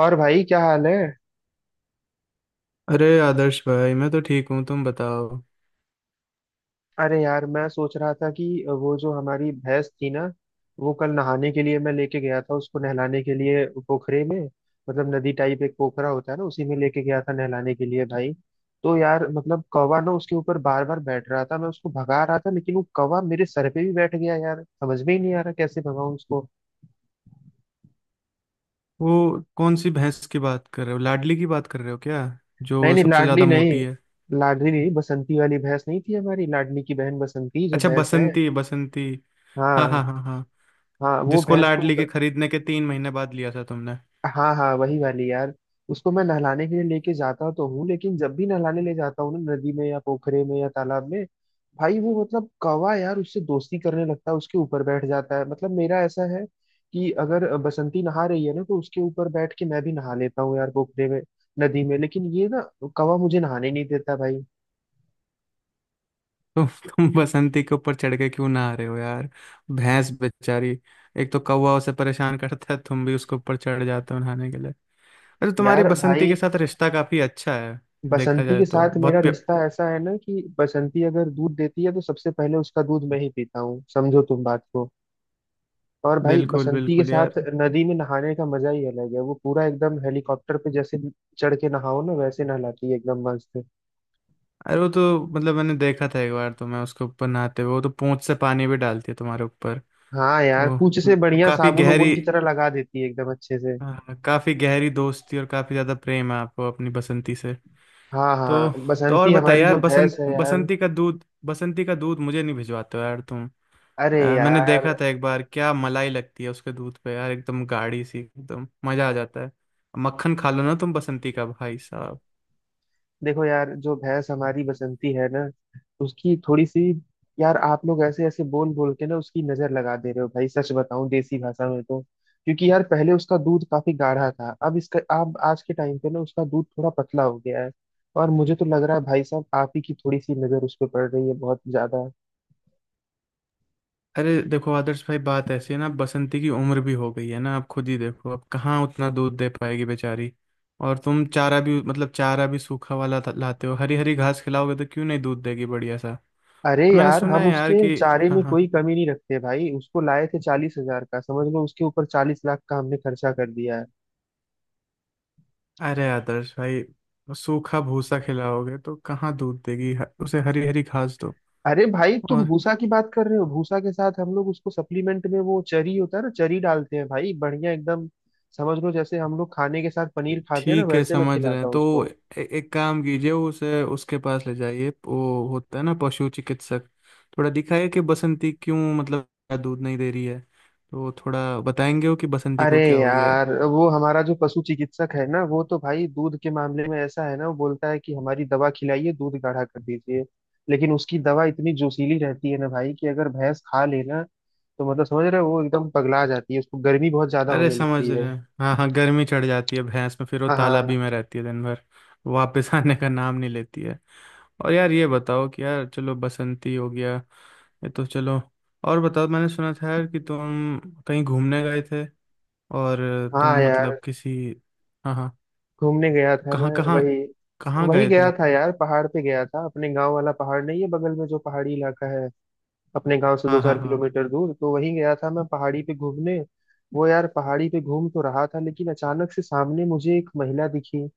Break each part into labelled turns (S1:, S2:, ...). S1: और भाई क्या हाल है?
S2: अरे आदर्श भाई, मैं तो ठीक हूँ, तुम बताओ।
S1: अरे यार मैं सोच रहा था कि वो जो हमारी भैंस थी ना वो कल नहाने के लिए मैं लेके गया था उसको नहलाने के लिए पोखरे में। मतलब नदी टाइप एक पोखरा होता है ना उसी में लेके गया था नहलाने के लिए भाई। तो यार मतलब कौवा ना उसके ऊपर बार बार बैठ रहा था, मैं उसको भगा रहा था लेकिन वो कौवा मेरे सर पे भी बैठ गया यार, समझ में ही नहीं आ रहा कैसे भगाऊं उसको।
S2: वो कौन सी भैंस की बात कर रहे हो, लाडली की बात कर रहे हो क्या?
S1: नहीं
S2: जो
S1: नहीं,
S2: सबसे
S1: लाडली
S2: ज्यादा
S1: नहीं।
S2: मोटी है।
S1: लाडली नहीं, बसंती वाली भैंस नहीं थी हमारी, लाडली की बहन बसंती जो
S2: अच्छा,
S1: भैंस है।
S2: बसंती बसंती। हाँ
S1: हाँ।
S2: हाँ हाँ हाँ।
S1: हाँ वो
S2: जिसको
S1: भैंस को।
S2: लाडली के खरीदने के 3 महीने बाद लिया था तुमने।
S1: हाँ हाँ, वही वाली यार। उसको मैं नहलाने के लिए लेके जाता तो हूँ, लेकिन जब भी नहलाने ले जाता हूँ ना नदी में या पोखरे में या तालाब में, भाई वो मतलब कौवा यार उससे दोस्ती करने लगता है, उसके ऊपर बैठ जाता है। मतलब मेरा ऐसा है कि अगर बसंती नहा रही है ना तो उसके ऊपर बैठ के मैं भी नहा लेता हूँ यार पोखरे में, नदी में। लेकिन ये ना कौवा मुझे नहाने नहीं देता भाई।
S2: तो तुम बसंती के ऊपर चढ़ के क्यों ना आ रहे हो यार? भैंस बेचारी। एक तो कौवा उसे परेशान करता है, तुम भी उसके ऊपर चढ़ जाते हो नहाने के लिए। अरे तुम्हारी
S1: यार
S2: बसंती
S1: भाई,
S2: के साथ रिश्ता काफी अच्छा है। देखा
S1: बसंती
S2: जाए
S1: के
S2: तो
S1: साथ मेरा
S2: बहुत
S1: रिश्ता ऐसा है ना कि बसंती अगर दूध देती है तो सबसे पहले उसका दूध मैं ही पीता हूँ, समझो तुम बात को। और भाई
S2: बिल्कुल
S1: बसंती के
S2: बिल्कुल यार।
S1: साथ नदी में नहाने का मजा ही अलग है, वो पूरा एकदम हेलीकॉप्टर पे जैसे चढ़ के नहाओ ना वैसे नहलाती है, एकदम मस्त।
S2: अरे वो तो मतलब मैंने देखा था एक बार, तो मैं उसके ऊपर नहाते हुए, वो तो पूंछ से पानी भी डालती है तुम्हारे ऊपर।
S1: हाँ यार,
S2: तो
S1: पूंछ से बढ़िया
S2: काफी
S1: साबुन उबुन
S2: गहरी।
S1: की तरह लगा देती है एकदम अच्छे से।
S2: हाँ, काफी गहरी दोस्ती और काफी ज्यादा प्रेम है आपको अपनी बसंती से।
S1: हाँ हाँ,
S2: तो तो और
S1: बसंती
S2: बताइए
S1: हमारी
S2: यार,
S1: जो भैंस है यार।
S2: बसंती का दूध मुझे नहीं भिजवाते हो यार तुम।
S1: अरे
S2: मैंने देखा
S1: यार।
S2: था एक बार, क्या मलाई लगती है उसके दूध पे यार, एकदम गाढ़ी सी, एकदम मजा आ जाता है। मक्खन खा लो ना तुम बसंती का, भाई साहब।
S1: देखो यार जो भैंस हमारी बसंती है ना उसकी थोड़ी सी। यार आप लोग ऐसे ऐसे बोल बोल के ना उसकी नजर लगा दे रहे हो भाई, सच बताऊं देसी भाषा में तो। क्योंकि यार पहले उसका दूध काफी गाढ़ा था, अब आज के टाइम पे ना उसका दूध थोड़ा पतला हो गया है। और मुझे तो लग रहा है भाई साहब आप ही की थोड़ी सी नजर उस पर पड़ रही है, बहुत ज्यादा।
S2: अरे देखो आदर्श भाई, बात ऐसी है ना, बसंती की उम्र भी हो गई है ना, आप खुद ही देखो, अब कहाँ उतना दूध दे पाएगी बेचारी। और तुम चारा भी, मतलब चारा भी सूखा वाला लाते हो, हरी हरी घास खिलाओगे तो क्यों नहीं दूध देगी बढ़िया सा। और
S1: अरे
S2: मैंने
S1: यार
S2: सुना
S1: हम
S2: है यार
S1: उसके
S2: कि,
S1: चारे
S2: हाँ
S1: में
S2: हाँ,
S1: कोई कमी नहीं रखते भाई, उसको लाए थे 40 हजार का समझ लो, उसके ऊपर 40 लाख का हमने खर्चा कर दिया है।
S2: अरे आदर्श भाई, सूखा भूसा खिलाओगे तो कहाँ दूध देगी, उसे हरी हरी घास दो।
S1: अरे भाई तुम
S2: और
S1: भूसा की बात कर रहे हो, भूसा के साथ हम लोग उसको सप्लीमेंट में वो चरी होता है ना चरी डालते हैं भाई, बढ़िया एकदम। समझ लो जैसे हम लोग खाने के साथ पनीर खाते हैं ना
S2: ठीक है,
S1: वैसे मैं
S2: समझ रहे हैं
S1: खिलाता हूँ
S2: तो,
S1: उसको।
S2: एक काम कीजिए, उसे उसके पास ले जाइए, वो होता है ना पशु चिकित्सक, थोड़ा दिखाइए कि बसंती क्यों मतलब दूध नहीं दे रही है, तो थोड़ा बताएंगे वो कि बसंती
S1: अरे
S2: को क्या हो गया है।
S1: यार वो हमारा जो पशु चिकित्सक है ना वो तो भाई दूध के मामले में ऐसा है ना, वो बोलता है कि हमारी दवा खिलाइए दूध गाढ़ा कर दीजिए। लेकिन उसकी दवा इतनी जोशीली रहती है ना भाई कि अगर भैंस खा लेना, तो मतलब समझ रहे हो वो एकदम पगला जाती है, उसको गर्मी बहुत ज्यादा
S2: अरे
S1: होने
S2: समझ
S1: लगती है।
S2: रहे हैं। हाँ हाँ, गर्मी चढ़ जाती है भैंस में, फिर वो
S1: हाँ
S2: तालाबी
S1: हाँ।
S2: में रहती है दिन भर, वापस आने का नाम नहीं लेती है। और यार ये बताओ कि, यार चलो बसंती हो गया, ये तो चलो, और बताओ, मैंने सुना था यार कि तुम कहीं घूमने गए थे, और
S1: हाँ
S2: तुम
S1: यार
S2: मतलब किसी, हाँ हाँ,
S1: घूमने गया था मैं।
S2: कहाँ कहाँ,
S1: वही
S2: कहाँ
S1: वही
S2: गए थे?
S1: गया था यार, पहाड़ पे गया था, अपने गांव वाला पहाड़ नहीं है बगल में जो पहाड़ी इलाका है अपने गांव से
S2: हाँ
S1: दो
S2: हाँ
S1: चार
S2: हाँ।
S1: किलोमीटर दूर, तो वहीं गया था मैं पहाड़ी पे घूमने। वो यार पहाड़ी पे घूम तो रहा था, लेकिन अचानक से सामने मुझे एक महिला दिखी।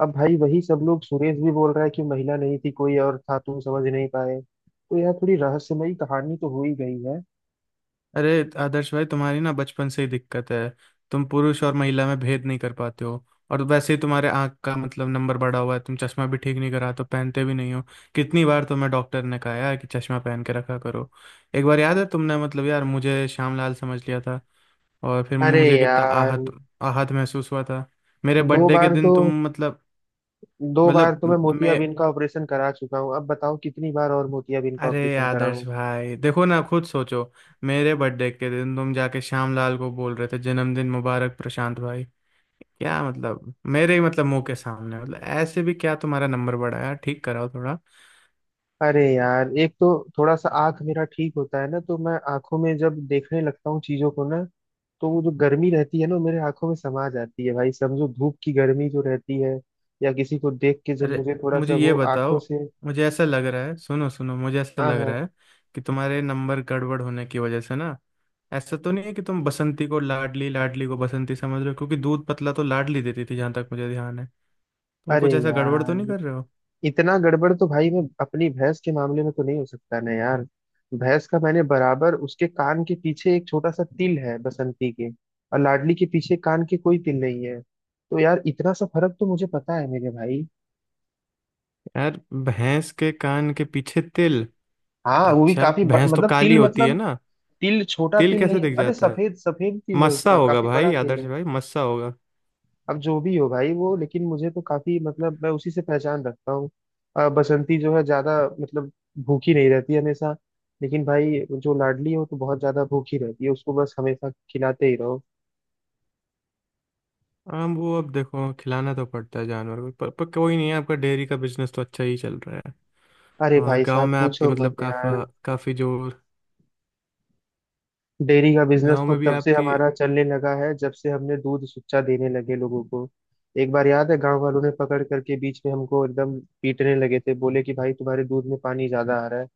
S1: अब भाई वही सब लोग, सुरेश भी बोल रहा है कि महिला नहीं थी कोई और था तुम समझ नहीं पाए, तो यार थोड़ी रहस्यमयी कहानी तो हो ही गई है।
S2: अरे आदर्श भाई, तुम्हारी ना बचपन से ही दिक्कत है, तुम पुरुष और महिला में भेद नहीं कर पाते हो। और वैसे ही तुम्हारे आंख का मतलब नंबर बढ़ा हुआ है, तुम चश्मा भी ठीक नहीं करा तो पहनते भी नहीं हो। कितनी बार तुम्हें डॉक्टर ने कहा है कि चश्मा पहन के रखा करो। एक बार याद है, तुमने मतलब यार मुझे श्यामलाल समझ लिया था और फिर
S1: अरे
S2: मुझे कितना
S1: यार।
S2: आहत, आहत महसूस हुआ था। मेरे
S1: दो
S2: बर्थडे के
S1: बार तो
S2: दिन तुम मतलब,
S1: दो बार
S2: मतलब
S1: तो मैं
S2: मैं,
S1: मोतियाबिंद का ऑपरेशन करा चुका हूँ, अब बताओ कितनी बार और मोतियाबिंद का
S2: अरे
S1: ऑपरेशन कराऊं।
S2: आदर्श भाई देखो ना, खुद सोचो। मेरे बर्थडे के दिन तुम जाके श्यामलाल को बोल रहे थे, जन्मदिन मुबारक प्रशांत भाई। क्या मतलब, मेरे ही मतलब मुंह के सामने, मतलब ऐसे भी क्या, तुम्हारा नंबर बढ़ाया, ठीक कराओ थोड़ा।
S1: अरे यार एक तो थोड़ा सा आंख मेरा ठीक होता है ना, तो मैं आंखों में जब देखने लगता हूँ चीजों को ना तो वो जो गर्मी रहती है ना वो मेरे आंखों में समा जाती है भाई, समझो धूप की गर्मी जो रहती है, या किसी को देख के जब
S2: अरे,
S1: मुझे थोड़ा
S2: मुझे
S1: सा
S2: ये
S1: वो
S2: बताओ,
S1: आंखों से।
S2: मुझे ऐसा लग रहा है, सुनो सुनो, मुझे ऐसा
S1: हाँ
S2: लग रहा
S1: हाँ।
S2: है कि तुम्हारे नंबर गड़बड़ होने की वजह से ना, ऐसा तो नहीं है कि तुम बसंती को लाडली, लाडली को बसंती समझ रहे हो, क्योंकि दूध पतला तो लाडली देती थी जहां तक मुझे ध्यान है। तुम
S1: अरे
S2: कुछ ऐसा गड़बड़ तो नहीं
S1: यार
S2: कर रहे हो?
S1: इतना गड़बड़ तो भाई मैं अपनी भैंस के मामले में तो नहीं हो सकता ना यार। भैंस का मैंने बराबर उसके कान के पीछे एक छोटा सा तिल है बसंती के, और लाडली के पीछे कान के कोई तिल नहीं है, तो यार इतना सा फर्क तो मुझे पता है मेरे भाई।
S2: यार भैंस के कान के पीछे तिल?
S1: हाँ वो भी
S2: अच्छा
S1: काफी
S2: भैंस तो
S1: मतलब
S2: काली
S1: तिल,
S2: होती है
S1: मतलब
S2: ना,
S1: तिल छोटा
S2: तिल
S1: तिल नहीं,
S2: कैसे दिख
S1: अरे
S2: जाता है?
S1: सफेद सफेद तिल है
S2: मस्सा
S1: उसका,
S2: होगा
S1: काफी बड़ा
S2: भाई,
S1: तिल
S2: आदर्श
S1: है।
S2: भाई, मस्सा होगा।
S1: अब जो भी हो भाई वो, लेकिन मुझे तो काफी मतलब मैं उसी से पहचान रखता हूँ। बसंती जो है ज्यादा मतलब भूखी नहीं रहती हमेशा, लेकिन भाई जो लाडली हो तो बहुत ज्यादा भूखी रहती है, उसको बस हमेशा खिलाते ही रहो।
S2: हाँ, वो अब देखो खिलाना तो पड़ता है जानवर को, पर कोई नहीं, है आपका डेयरी का बिजनेस तो अच्छा ही चल रहा है।
S1: अरे
S2: और
S1: भाई
S2: गांव
S1: साहब
S2: में आपकी
S1: पूछो
S2: मतलब
S1: मत यार।
S2: काफा काफी जो,
S1: डेयरी का बिजनेस
S2: गांव
S1: तो
S2: में भी
S1: तब से
S2: आपकी,
S1: हमारा चलने लगा है जब से हमने दूध सुच्चा देने लगे लोगों को। एक बार याद है गांव वालों ने पकड़ करके बीच में हमको एकदम पीटने लगे थे, बोले कि भाई तुम्हारे दूध में पानी ज्यादा आ रहा है।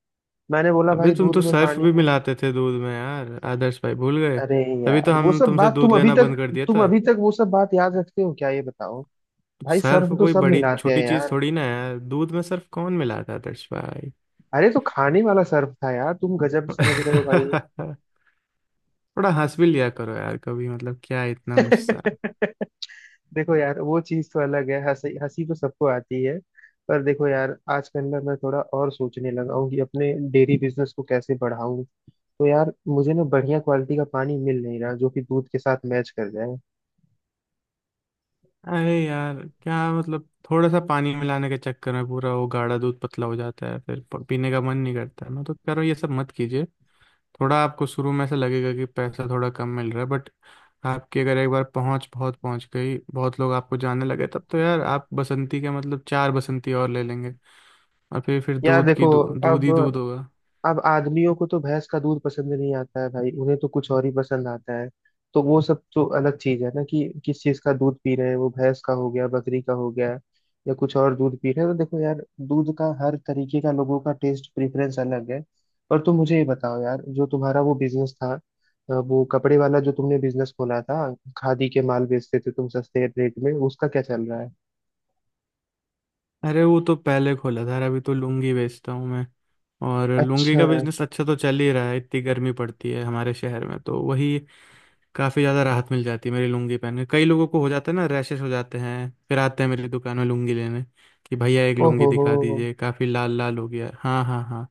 S1: मैंने बोला
S2: अबे
S1: भाई
S2: तुम तो
S1: दूध में
S2: सर्फ
S1: पानी
S2: भी
S1: है।
S2: मिलाते थे दूध में यार, आदर्श भाई भूल गए?
S1: अरे
S2: तभी तो
S1: यार वो
S2: हम
S1: सब
S2: तुमसे
S1: बात
S2: दूध
S1: तुम अभी
S2: लेना
S1: तक
S2: बंद कर दिया
S1: तुम
S2: था।
S1: अभी तक वो सब बात याद रखते हो क्या, ये बताओ। भाई
S2: सर्फ
S1: सर्फ तो
S2: कोई
S1: सब
S2: बड़ी
S1: मिलाते हैं
S2: छोटी चीज
S1: यार।
S2: थोड़ी ना है, दूध में सर्फ कौन मिलाता है दर्श भाई?
S1: अरे तो खाने वाला सर्फ था यार, तुम गजब समझ रहे हो भाई।
S2: थोड़ा हंस भी लिया करो यार कभी, मतलब क्या इतना गुस्सा?
S1: देखो यार वो चीज तो अलग है, हंसी हंसी तो सबको आती है। पर देखो यार आज के अंदर मैं थोड़ा और सोचने लगा हूँ कि अपने डेयरी बिजनेस को कैसे बढ़ाऊं। तो यार मुझे ना बढ़िया क्वालिटी का पानी मिल नहीं रहा जो कि दूध के साथ मैच कर जाए।
S2: अरे यार, क्या मतलब थोड़ा सा पानी मिलाने के चक्कर में पूरा वो गाढ़ा दूध पतला हो जाता है, फिर पीने का मन नहीं करता, मैं तो कह रहा हूँ ये सब मत कीजिए। थोड़ा आपको शुरू में ऐसा लगेगा कि पैसा थोड़ा कम मिल रहा है, बट आपकी अगर एक बार पहुंच, बहुत पहुंच गई, बहुत लोग आपको जानने लगे, तब तो यार आप बसंती के मतलब चार बसंती और ले लेंगे, और फिर
S1: यार
S2: दूध की
S1: देखो
S2: दूध
S1: अब
S2: ही दूध होगा।
S1: अब आदमियों को तो भैंस का दूध पसंद नहीं आता है भाई, उन्हें तो कुछ और ही पसंद आता है। तो वो सब तो अलग चीज है ना, कि किस चीज का दूध पी रहे हैं, वो भैंस का हो गया, बकरी का हो गया, या कुछ और दूध पी रहे हैं, तो देखो यार दूध का हर तरीके का लोगों का टेस्ट प्रेफरेंस अलग है। और तुम मुझे ये बताओ यार, जो तुम्हारा वो बिजनेस था, वो कपड़े वाला जो तुमने बिजनेस खोला था, खादी के माल बेचते थे तुम सस्ते रेट में, उसका क्या चल रहा है?
S2: अरे वो तो पहले खोला था यार, अभी तो लुंगी बेचता हूँ मैं। और लुंगी
S1: अच्छा।
S2: का बिजनेस अच्छा तो चल ही रहा है, इतनी गर्मी पड़ती है हमारे शहर में, तो वही काफ़ी ज़्यादा राहत मिल जाती है मेरी लुंगी पहन के, कई लोगों को हो जाता है ना रैशेस, हो जाते हैं, फिर आते हैं मेरी दुकान में लुंगी लेने कि भैया एक लुंगी
S1: ओहो हो।
S2: दिखा दीजिए, काफ़ी लाल लाल हो गया है। हाँ हाँ हाँ।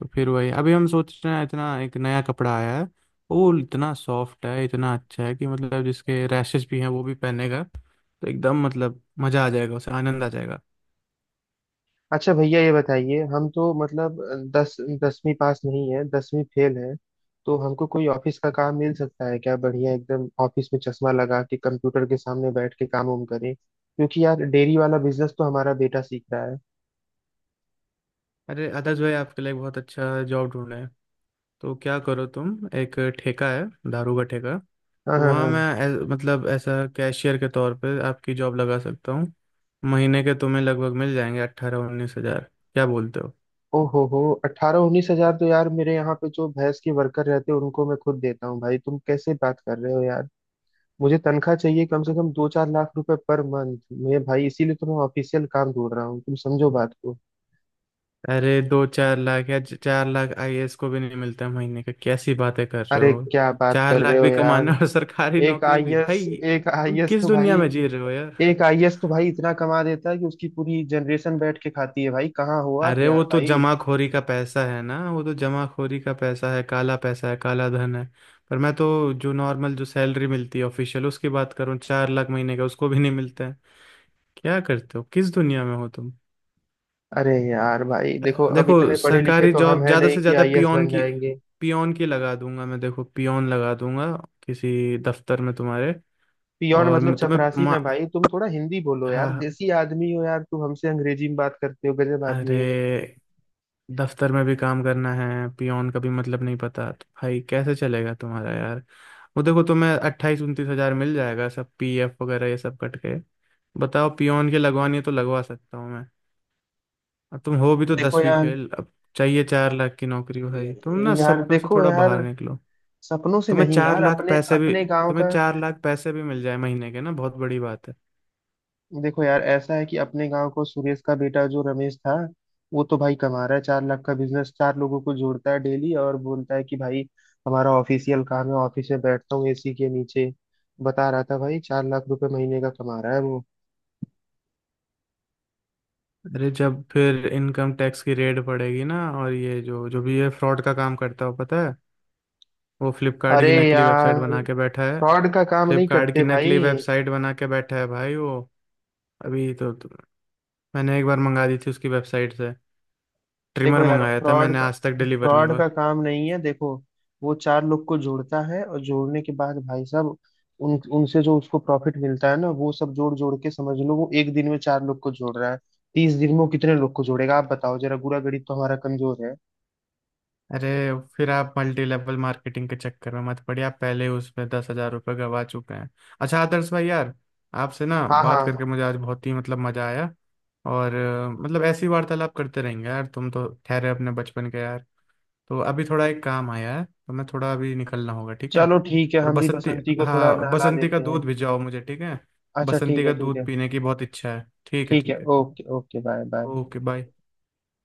S2: तो फिर वही अभी हम सोच रहे हैं, इतना एक नया कपड़ा आया है, वो इतना सॉफ्ट है, इतना अच्छा है कि मतलब जिसके रैशेस भी हैं वो भी पहनेगा, तो एकदम मतलब मज़ा आ जाएगा, उसे आनंद आ जाएगा।
S1: अच्छा भैया ये बताइए, हम तो मतलब दस 10वीं पास नहीं है, 10वीं फेल है। तो हमको कोई ऑफिस का काम मिल सकता है क्या? बढ़िया एकदम ऑफिस में चश्मा लगा के कंप्यूटर के सामने बैठ के काम वाम करें, क्योंकि यार डेयरी वाला बिजनेस तो हमारा बेटा सीख रहा है।
S2: अरे आदर्श भाई, आपके लिए एक बहुत अच्छा जॉब ढूंढना है। तो क्या करो, तुम, एक ठेका है, दारू का ठेका,
S1: हाँ
S2: तो
S1: हाँ
S2: वहाँ मैं
S1: हाँ।
S2: मतलब ऐसा कैशियर के तौर पे आपकी जॉब लगा सकता हूँ। महीने के तुम्हें लगभग मिल जाएंगे 18-19 हज़ार। क्या बोलते हो?
S1: ओ हो, अट्ठारह उन्नीस हजार तो यार मेरे यहाँ पे जो भैंस के वर्कर रहते हैं उनको मैं खुद देता हूँ भाई, तुम कैसे बात कर रहे हो यार। मुझे तनख्वाह चाहिए कम से कम दो चार लाख रुपए पर मंथ। मैं भाई इसीलिए तो मैं ऑफिशियल काम ढूंढ रहा हूँ, तुम समझो बात।
S2: अरे 2-4 लाख, या 4 लाख आईएएस को भी नहीं मिलता है महीने का, कैसी बातें कर रहे
S1: अरे
S2: हो?
S1: क्या बात
S2: चार
S1: कर
S2: लाख
S1: रहे हो
S2: भी
S1: यार।
S2: कमाना और सरकारी
S1: एक
S2: नौकरी भी,
S1: आईएएस
S2: भाई
S1: एक
S2: तुम
S1: आईएएस
S2: किस
S1: तो भाई
S2: दुनिया में जी रहे हो?
S1: एक आईएएस तो भाई इतना कमा देता है कि उसकी पूरी जनरेशन बैठ के खाती है भाई, कहाँ हो आप
S2: अरे
S1: यार
S2: वो तो
S1: भाई।
S2: जमाखोरी का पैसा है ना, वो तो जमाखोरी का पैसा है, काला पैसा है, काला धन है। पर मैं तो जो नॉर्मल जो सैलरी मिलती है ऑफिशियल, उसकी बात करूँ, 4 लाख महीने का उसको भी नहीं मिलता है। क्या करते हो, किस दुनिया में हो तुम?
S1: अरे यार भाई देखो अब
S2: देखो
S1: इतने पढ़े लिखे
S2: सरकारी
S1: तो हम
S2: जॉब
S1: है
S2: ज्यादा
S1: नहीं
S2: से
S1: कि
S2: ज्यादा
S1: आईएएस
S2: पियोन
S1: बन
S2: की
S1: जाएंगे।
S2: पियोन की लगा दूंगा मैं, देखो पियोन लगा दूंगा किसी दफ्तर में तुम्हारे।
S1: पियोन
S2: और
S1: मतलब
S2: मैं तुम्हें
S1: चपरासी ना भाई, तुम थोड़ा हिंदी बोलो यार,
S2: हाँ,
S1: देसी आदमी हो यार तुम, हमसे अंग्रेजी में बात करते हो, गजब आदमी
S2: अरे
S1: हो।
S2: दफ्तर में भी काम करना है, पियोन का भी मतलब नहीं पता, तो भाई कैसे चलेगा तुम्हारा यार? वो देखो तुम्हें 28-29 हज़ार मिल जाएगा, सब पीएफ वगैरह ये सब कट के। बताओ पियोन के लगवानी है तो लगवा सकता हूँ मैं। अब तुम हो भी तो
S1: देखो
S2: 10वीं
S1: यार।
S2: फेल, अब चाहिए 4 लाख की नौकरी, भाई तुम ना
S1: यार
S2: सपनों से
S1: देखो
S2: थोड़ा
S1: यार
S2: बाहर निकलो।
S1: सपनों से
S2: तुम्हें
S1: नहीं
S2: चार
S1: यार,
S2: लाख
S1: अपने
S2: पैसे भी,
S1: अपने गांव
S2: तुम्हें
S1: का।
S2: 4 लाख पैसे भी मिल जाए महीने के ना, बहुत बड़ी बात है।
S1: देखो यार ऐसा है कि अपने गांव को सुरेश का बेटा जो रमेश था, वो तो भाई कमा रहा है, 4 लाख का बिजनेस, चार लोगों को जोड़ता है डेली और बोलता है कि भाई हमारा ऑफिशियल काम है, ऑफिस में बैठता हूँ एसी के नीचे। बता रहा था भाई 4 लाख रुपए महीने का कमा रहा है वो।
S2: अरे जब फिर इनकम टैक्स की रेड पड़ेगी ना, और ये जो जो भी ये फ्रॉड का काम करता हो पता है, वो फ्लिपकार्ट
S1: अरे
S2: की नकली वेबसाइट
S1: यार
S2: बना के बैठा है।
S1: फ्रॉड का काम नहीं
S2: फ्लिपकार्ट की
S1: करते भाई।
S2: नकली वेबसाइट बना के बैठा है भाई वो। अभी तो मैंने एक बार मंगा दी थी उसकी वेबसाइट से, ट्रिमर
S1: देखो यार
S2: मंगाया था
S1: फ्रॉड
S2: मैंने,
S1: का
S2: आज तक डिलीवर नहीं
S1: फ्रॉड
S2: हुआ।
S1: का काम नहीं है देखो। वो चार लोग को जोड़ता है और जोड़ने के बाद भाई साहब उन उनसे जो उसको प्रॉफिट मिलता है ना वो सब जोड़ जोड़ के समझ लो, वो एक दिन में चार लोग को जोड़ रहा है, 30 दिन में वो कितने लोग को जोड़ेगा आप बताओ जरा, गुरा गणित तो हमारा कमजोर है।
S2: अरे फिर आप मल्टी लेवल मार्केटिंग के चक्कर में मत पड़िए, आप पहले ही उसमें 10 हज़ार रुपये गवा चुके हैं। अच्छा आदर्श भाई यार, आपसे ना
S1: हाँ हाँ
S2: बात
S1: हाँ।
S2: करके मुझे आज बहुत ही मतलब मजा आया। और मतलब ऐसी वार्तालाप करते रहेंगे यार, तुम तो ठहरे अपने बचपन के यार। तो अभी थोड़ा एक काम आया है, तो मैं थोड़ा अभी निकलना होगा, ठीक है?
S1: चलो ठीक है,
S2: और
S1: हम भी
S2: बसंती,
S1: बसंती को थोड़ा
S2: हाँ
S1: नहला
S2: बसंती का
S1: लेते हैं।
S2: दूध भिजवाओ मुझे, ठीक है?
S1: अच्छा ठीक
S2: बसंती
S1: है
S2: का
S1: ठीक
S2: दूध
S1: है।
S2: पीने की बहुत इच्छा है, ठीक है
S1: ठीक है,
S2: ठीक है।
S1: Okay okay, bye bye.
S2: Okay bye.